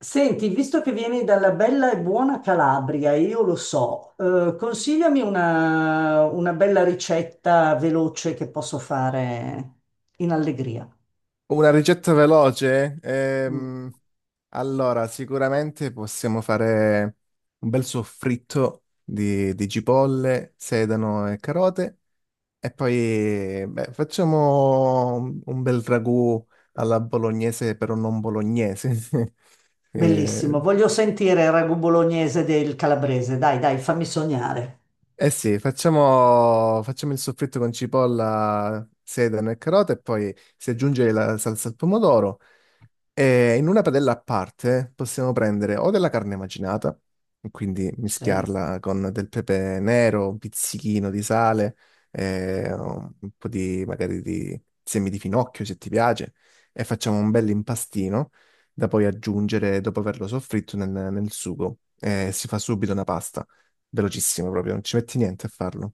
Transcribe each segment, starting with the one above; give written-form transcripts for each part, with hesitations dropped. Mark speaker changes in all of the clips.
Speaker 1: Senti, visto che vieni dalla bella e buona Calabria, io lo so, consigliami una bella ricetta veloce che posso fare in allegria.
Speaker 2: Una ricetta veloce?
Speaker 1: Mm.
Speaker 2: Allora, sicuramente possiamo fare un bel soffritto di cipolle, sedano e carote e poi beh, facciamo un bel ragù alla bolognese però non bolognese. Eh,
Speaker 1: Bellissimo, voglio sentire il ragù bolognese del calabrese, dai, dai, fammi sognare.
Speaker 2: eh sì, facciamo il soffritto con cipolla, sedano e carote e poi si aggiunge la salsa al pomodoro. E in una padella a parte possiamo prendere o della carne macinata, quindi
Speaker 1: Sì.
Speaker 2: mischiarla con del pepe nero, un pizzichino di sale, un po' di magari di semi di finocchio se ti piace, e facciamo un bel impastino da poi aggiungere dopo averlo soffritto nel sugo. E si fa subito una pasta, velocissimo proprio, non ci metti niente a farlo.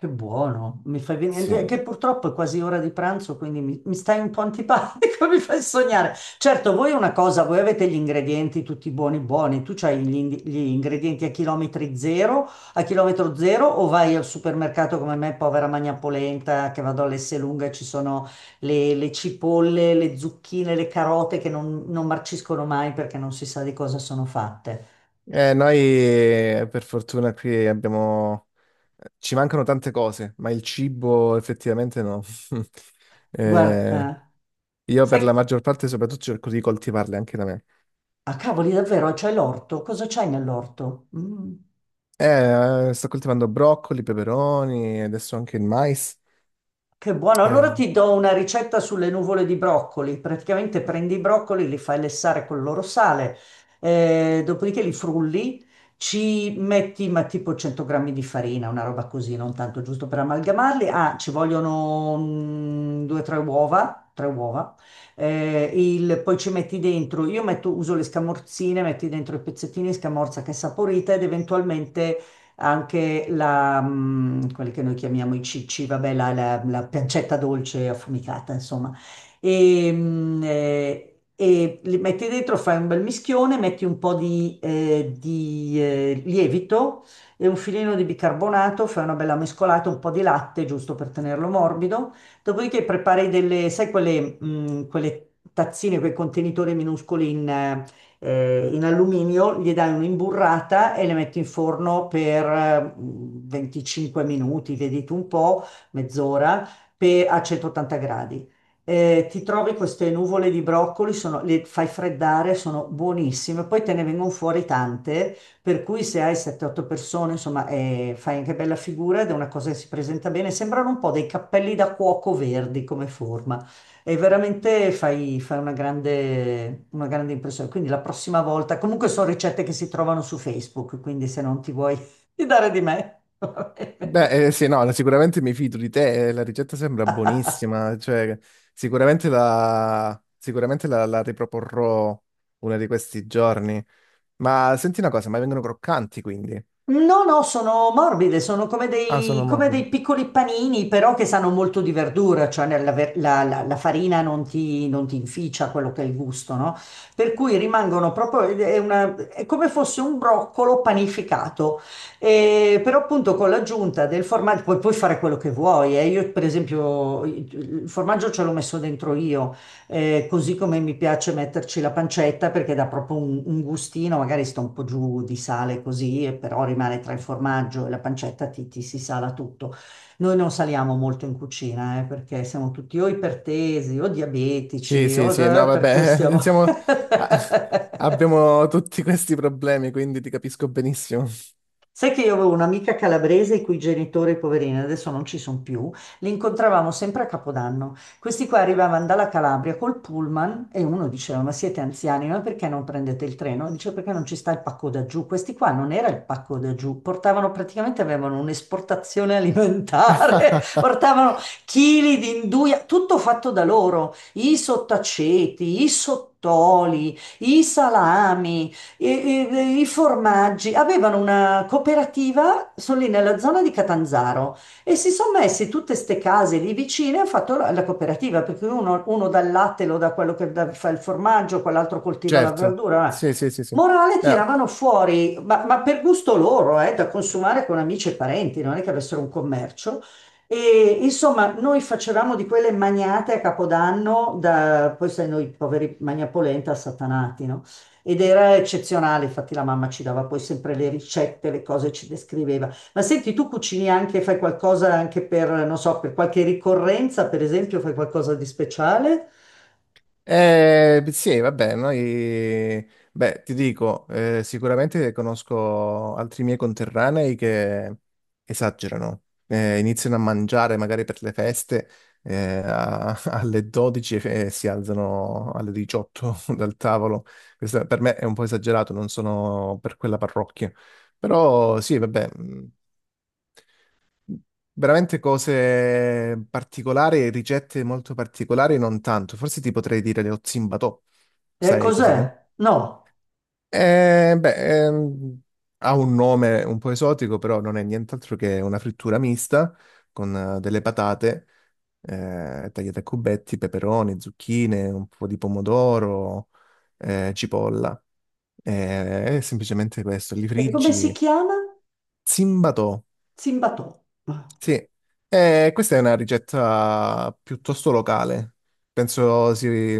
Speaker 1: Che buono, mi fai venire,
Speaker 2: Sì.
Speaker 1: cioè, che purtroppo è quasi ora di pranzo, quindi mi stai un po' antipatico, mi fai sognare. Certo, voi una cosa, voi avete gli ingredienti tutti buoni buoni, tu c'hai gli ingredienti a chilometri zero, a chilometro zero, o vai al supermercato come me, povera magna polenta, che vado all'Esselunga e ci sono le cipolle, le zucchine, le carote che non marciscono mai perché non si sa di cosa sono fatte.
Speaker 2: Noi per fortuna qui abbiamo. Ci mancano tante cose, ma il cibo effettivamente no.
Speaker 1: Guarda,
Speaker 2: Eh,
Speaker 1: eh.
Speaker 2: io per la
Speaker 1: Sai.
Speaker 2: maggior parte soprattutto cerco di coltivarle anche da me.
Speaker 1: Cavoli, davvero, c'è l'orto? Cosa c'hai nell'orto? Mm,
Speaker 2: Sto coltivando broccoli, peperoni, adesso anche il mais.
Speaker 1: che buono. Allora
Speaker 2: Eh,
Speaker 1: ti do una ricetta sulle nuvole di broccoli. Praticamente prendi i broccoli, li fai lessare con il loro sale, dopodiché li frulli, ci metti ma tipo 100 grammi di farina, una roba così, non tanto giusto per amalgamarli. Ah, ci vogliono due o tre uova, tre uova. Poi ci metti dentro, uso le scamorzine, metti dentro i pezzettini di scamorza che è saporita ed eventualmente anche quelli che noi chiamiamo i cicci, vabbè, la pancetta dolce affumicata, insomma. E, mh, eh, e li metti dentro, fai un bel mischione, metti un po' lievito e un filino di bicarbonato, fai una bella mescolata, un po' di latte, giusto per tenerlo morbido. Dopodiché prepari delle, sai, quelle tazzine, quei contenitori minuscoli in alluminio, gli dai un'imburrata e le metti in forno per 25 minuti, vedi tu un po', mezz'ora, a 180 gradi. Ti trovi queste nuvole di broccoli, le fai freddare, sono buonissime, poi te ne vengono fuori tante, per cui se hai 7-8 persone, insomma, fai anche bella figura ed è una cosa che si presenta bene. Sembrano un po' dei cappelli da cuoco verdi come forma. E veramente fai una grande impressione. Quindi la prossima volta, comunque sono ricette che si trovano su Facebook, quindi se non ti vuoi fidare di me, va bene.
Speaker 2: beh, sì, no, sicuramente mi fido di te, la ricetta sembra buonissima, cioè sicuramente la riproporrò uno di questi giorni. Ma senti una cosa, ma vengono croccanti quindi?
Speaker 1: No, no, sono morbide, sono
Speaker 2: Ah, sono
Speaker 1: come
Speaker 2: morbidi.
Speaker 1: dei piccoli panini, però che sanno molto di verdura, cioè nella ver- la, la- la farina non ti inficia quello che è il gusto, no? Per cui rimangono proprio, è come fosse un broccolo panificato. E però appunto con l'aggiunta del formaggio puoi fare quello che vuoi, eh. Io per esempio il formaggio ce l'ho messo dentro io, così come mi piace metterci la pancetta perché dà proprio un gustino, magari sta un po' giù di sale così, e però rimane tra il formaggio e la pancetta, ti si sala tutto. Noi non saliamo molto in cucina, perché siamo tutti o ipertesi o
Speaker 2: Sì,
Speaker 1: diabetici,
Speaker 2: sì, sì, no,
Speaker 1: per cui
Speaker 2: vabbè,
Speaker 1: stiamo.
Speaker 2: ah, abbiamo tutti questi problemi, quindi ti capisco benissimo.
Speaker 1: Sai che io avevo un'amica calabrese i cui genitori, poverini, adesso non ci sono più, li incontravamo sempre a Capodanno. Questi qua arrivavano dalla Calabria col pullman e uno diceva: Ma siete anziani, ma perché non prendete il treno? Dice: Perché non ci sta il pacco da giù? Questi qua non era il pacco da giù, portavano praticamente avevano un'esportazione alimentare, portavano chili di induia, tutto fatto da loro, i sottaceti, i sottoli, i salami. I formaggi avevano una cooperativa, sono lì nella zona di Catanzaro e si sono messi tutte ste case lì vicine e hanno fatto la cooperativa, perché uno dà il latte, lo dà quello fa il formaggio, quell'altro coltiva la
Speaker 2: Certo,
Speaker 1: verdura.
Speaker 2: sì, sì, sì, sì.
Speaker 1: Morale
Speaker 2: Eh,
Speaker 1: tiravano fuori, ma per gusto loro, da consumare con amici e parenti, non è che avessero un commercio. E insomma, noi facevamo di quelle magnate a Capodanno, da, poi sai, noi poveri magnapolenta satanati, no? Ed era eccezionale, infatti la mamma ci dava poi sempre le ricette, le cose ci descriveva. Ma senti, tu cucini anche, fai qualcosa anche per, non so, per qualche ricorrenza, per esempio, fai qualcosa di speciale?
Speaker 2: Eh, sì, vabbè, noi, beh, ti dico, sicuramente conosco altri miei conterranei che esagerano, iniziano a mangiare magari per le feste, alle 12 e si alzano alle 18 dal tavolo. Questo per me è un po' esagerato, non sono per quella parrocchia. Però sì, vabbè, veramente cose particolari, ricette molto particolari, non tanto. Forse ti potrei dire lo zimbatò. Sai cos'è?
Speaker 1: Cos'è? No.
Speaker 2: Beh, ha un nome un po' esotico, però non è nient'altro che una frittura mista con delle patate tagliate a cubetti, peperoni, zucchine, un po' di pomodoro, cipolla. È semplicemente questo, li
Speaker 1: E come si
Speaker 2: friggi.
Speaker 1: chiama?
Speaker 2: Zimbatò.
Speaker 1: Zimbatò. Ah,
Speaker 2: Sì, questa è una ricetta piuttosto locale, penso si,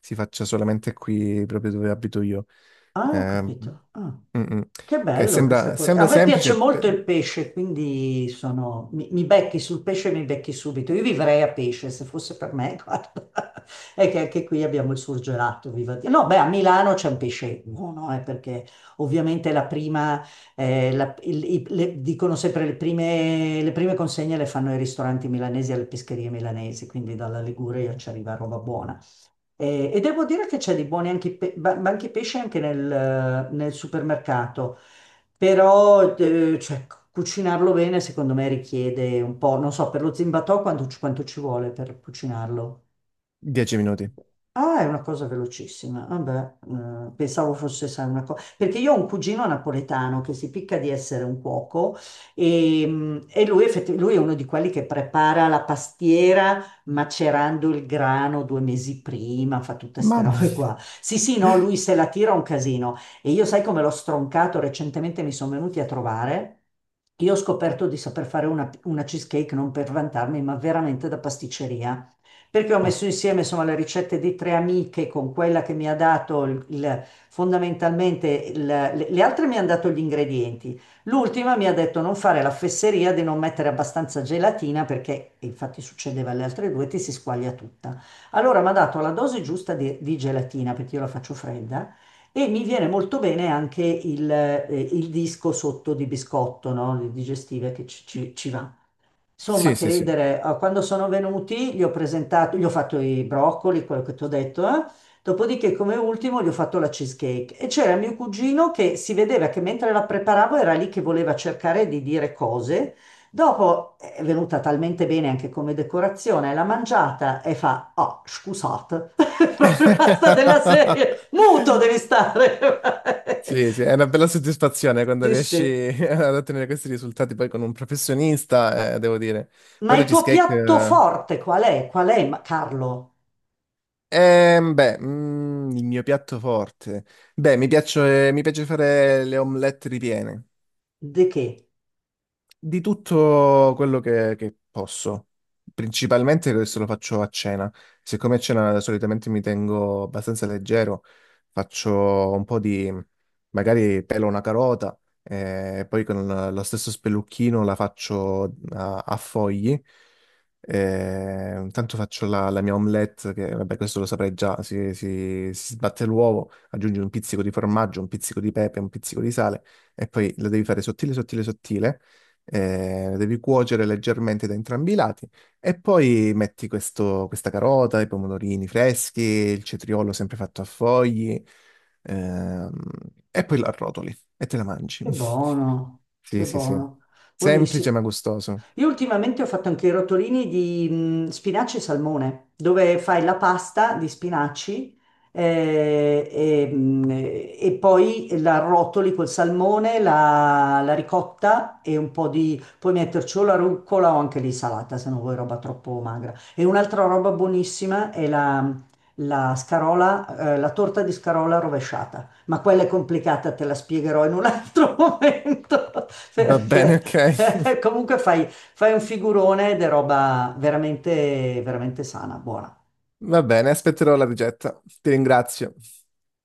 Speaker 2: si faccia solamente qui proprio dove abito io.
Speaker 1: ah, ho
Speaker 2: Mm,
Speaker 1: capito. Ah,
Speaker 2: mm.
Speaker 1: che
Speaker 2: Che
Speaker 1: bello questa
Speaker 2: sembra,
Speaker 1: cosa. A
Speaker 2: sembra
Speaker 1: me piace
Speaker 2: semplice
Speaker 1: molto
Speaker 2: per
Speaker 1: il pesce, quindi mi becchi sul pesce e mi becchi subito. Io vivrei a pesce se fosse per me, guarda. È che anche qui abbiamo il surgelato, viva Dio. No, beh, a Milano c'è un pesce buono, perché ovviamente la prima, la- il- i- le- dicono sempre le prime consegne le fanno i ristoranti milanesi alle pescherie milanesi, quindi dalla Liguria ci arriva roba buona. E devo dire che c'è di buoni anche i banchi pesce anche nel supermercato, però cioè, cucinarlo bene secondo me richiede un po', non so, per lo zimbatò quanto ci vuole per cucinarlo?
Speaker 2: 10 minuti.
Speaker 1: Ah, è una cosa velocissima. Vabbè, pensavo fosse sai, una cosa. Perché io ho un cugino napoletano che si picca di essere un cuoco e, lui è uno di quelli che prepara la pastiera macerando il grano 2 mesi prima, fa tutte queste
Speaker 2: Mamma.
Speaker 1: robe qua. Sì, sì, no, lui se la tira un casino. E io sai come l'ho stroncato? Recentemente mi sono venuti a trovare. Io ho scoperto di saper fare una cheesecake non per vantarmi, ma veramente da pasticceria perché ho
Speaker 2: Ah.
Speaker 1: messo insieme insomma, le ricette di tre amiche con quella che mi ha dato fondamentalmente, le altre mi hanno dato gli ingredienti. L'ultima mi ha detto non fare la fesseria di non mettere abbastanza gelatina perché, e infatti succedeva alle altre due, ti si squaglia tutta. Allora mi ha dato la dose giusta di gelatina perché io la faccio fredda. E mi viene molto bene anche il disco sotto di biscotto, no? Le digestive che ci va. Insomma,
Speaker 2: Sì,
Speaker 1: che
Speaker 2: sì, sì.
Speaker 1: ridere, quando sono venuti gli ho presentato, gli ho fatto i broccoli, quello che ti ho detto, eh. Dopodiché come ultimo gli ho fatto la cheesecake e c'era mio cugino che si vedeva che mentre la preparavo era lì che voleva cercare di dire cose. Dopo è venuta talmente bene anche come decorazione, l'ha mangiata e fa, ah, scusate, proprio basta della serie, muto devi stare.
Speaker 2: Sì, sì, è una bella soddisfazione quando
Speaker 1: Sì,
Speaker 2: riesci
Speaker 1: sì.
Speaker 2: ad ottenere questi risultati poi con un professionista, devo dire.
Speaker 1: Ma
Speaker 2: Poi la
Speaker 1: il tuo
Speaker 2: cheesecake.
Speaker 1: piatto
Speaker 2: eh,
Speaker 1: forte qual è? Qual è, Carlo?
Speaker 2: Ehm, beh, il mio piatto forte. Beh, mi piace fare le omelette ripiene.
Speaker 1: Di che?
Speaker 2: Di tutto quello che posso. Principalmente adesso lo faccio a cena. Siccome a cena solitamente mi tengo abbastanza leggero, faccio un po' di, magari pelo una carota e poi con lo stesso spellucchino la faccio a fogli. E intanto faccio la mia omelette, che vabbè questo lo saprei già, si sbatte l'uovo, aggiungi un pizzico di formaggio, un pizzico di pepe, un pizzico di sale e poi la devi fare sottile, sottile, sottile devi cuocere leggermente da entrambi i lati e poi metti questa carota, i pomodorini freschi, il cetriolo sempre fatto a fogli, ehm, e poi la arrotoli e te la mangi.
Speaker 1: Che buono,
Speaker 2: Sì,
Speaker 1: che
Speaker 2: sì, sì.
Speaker 1: buono, buonissimo.
Speaker 2: Semplice ma gustoso.
Speaker 1: Io ultimamente ho fatto anche i rotolini di spinaci e salmone, dove fai la pasta di spinaci eh, e, mh, e poi la rotoli col salmone, la ricotta e un po' di puoi metterci o la rucola o anche lì salata, se non vuoi roba troppo magra. E un'altra roba buonissima è la scarola, la torta di scarola rovesciata, ma quella è complicata, te la spiegherò in un altro momento,
Speaker 2: Va bene,
Speaker 1: perché
Speaker 2: ok.
Speaker 1: comunque Fai un figurone ed è roba veramente, veramente sana, buona.
Speaker 2: Va bene, aspetterò la ricetta. Ti ringrazio.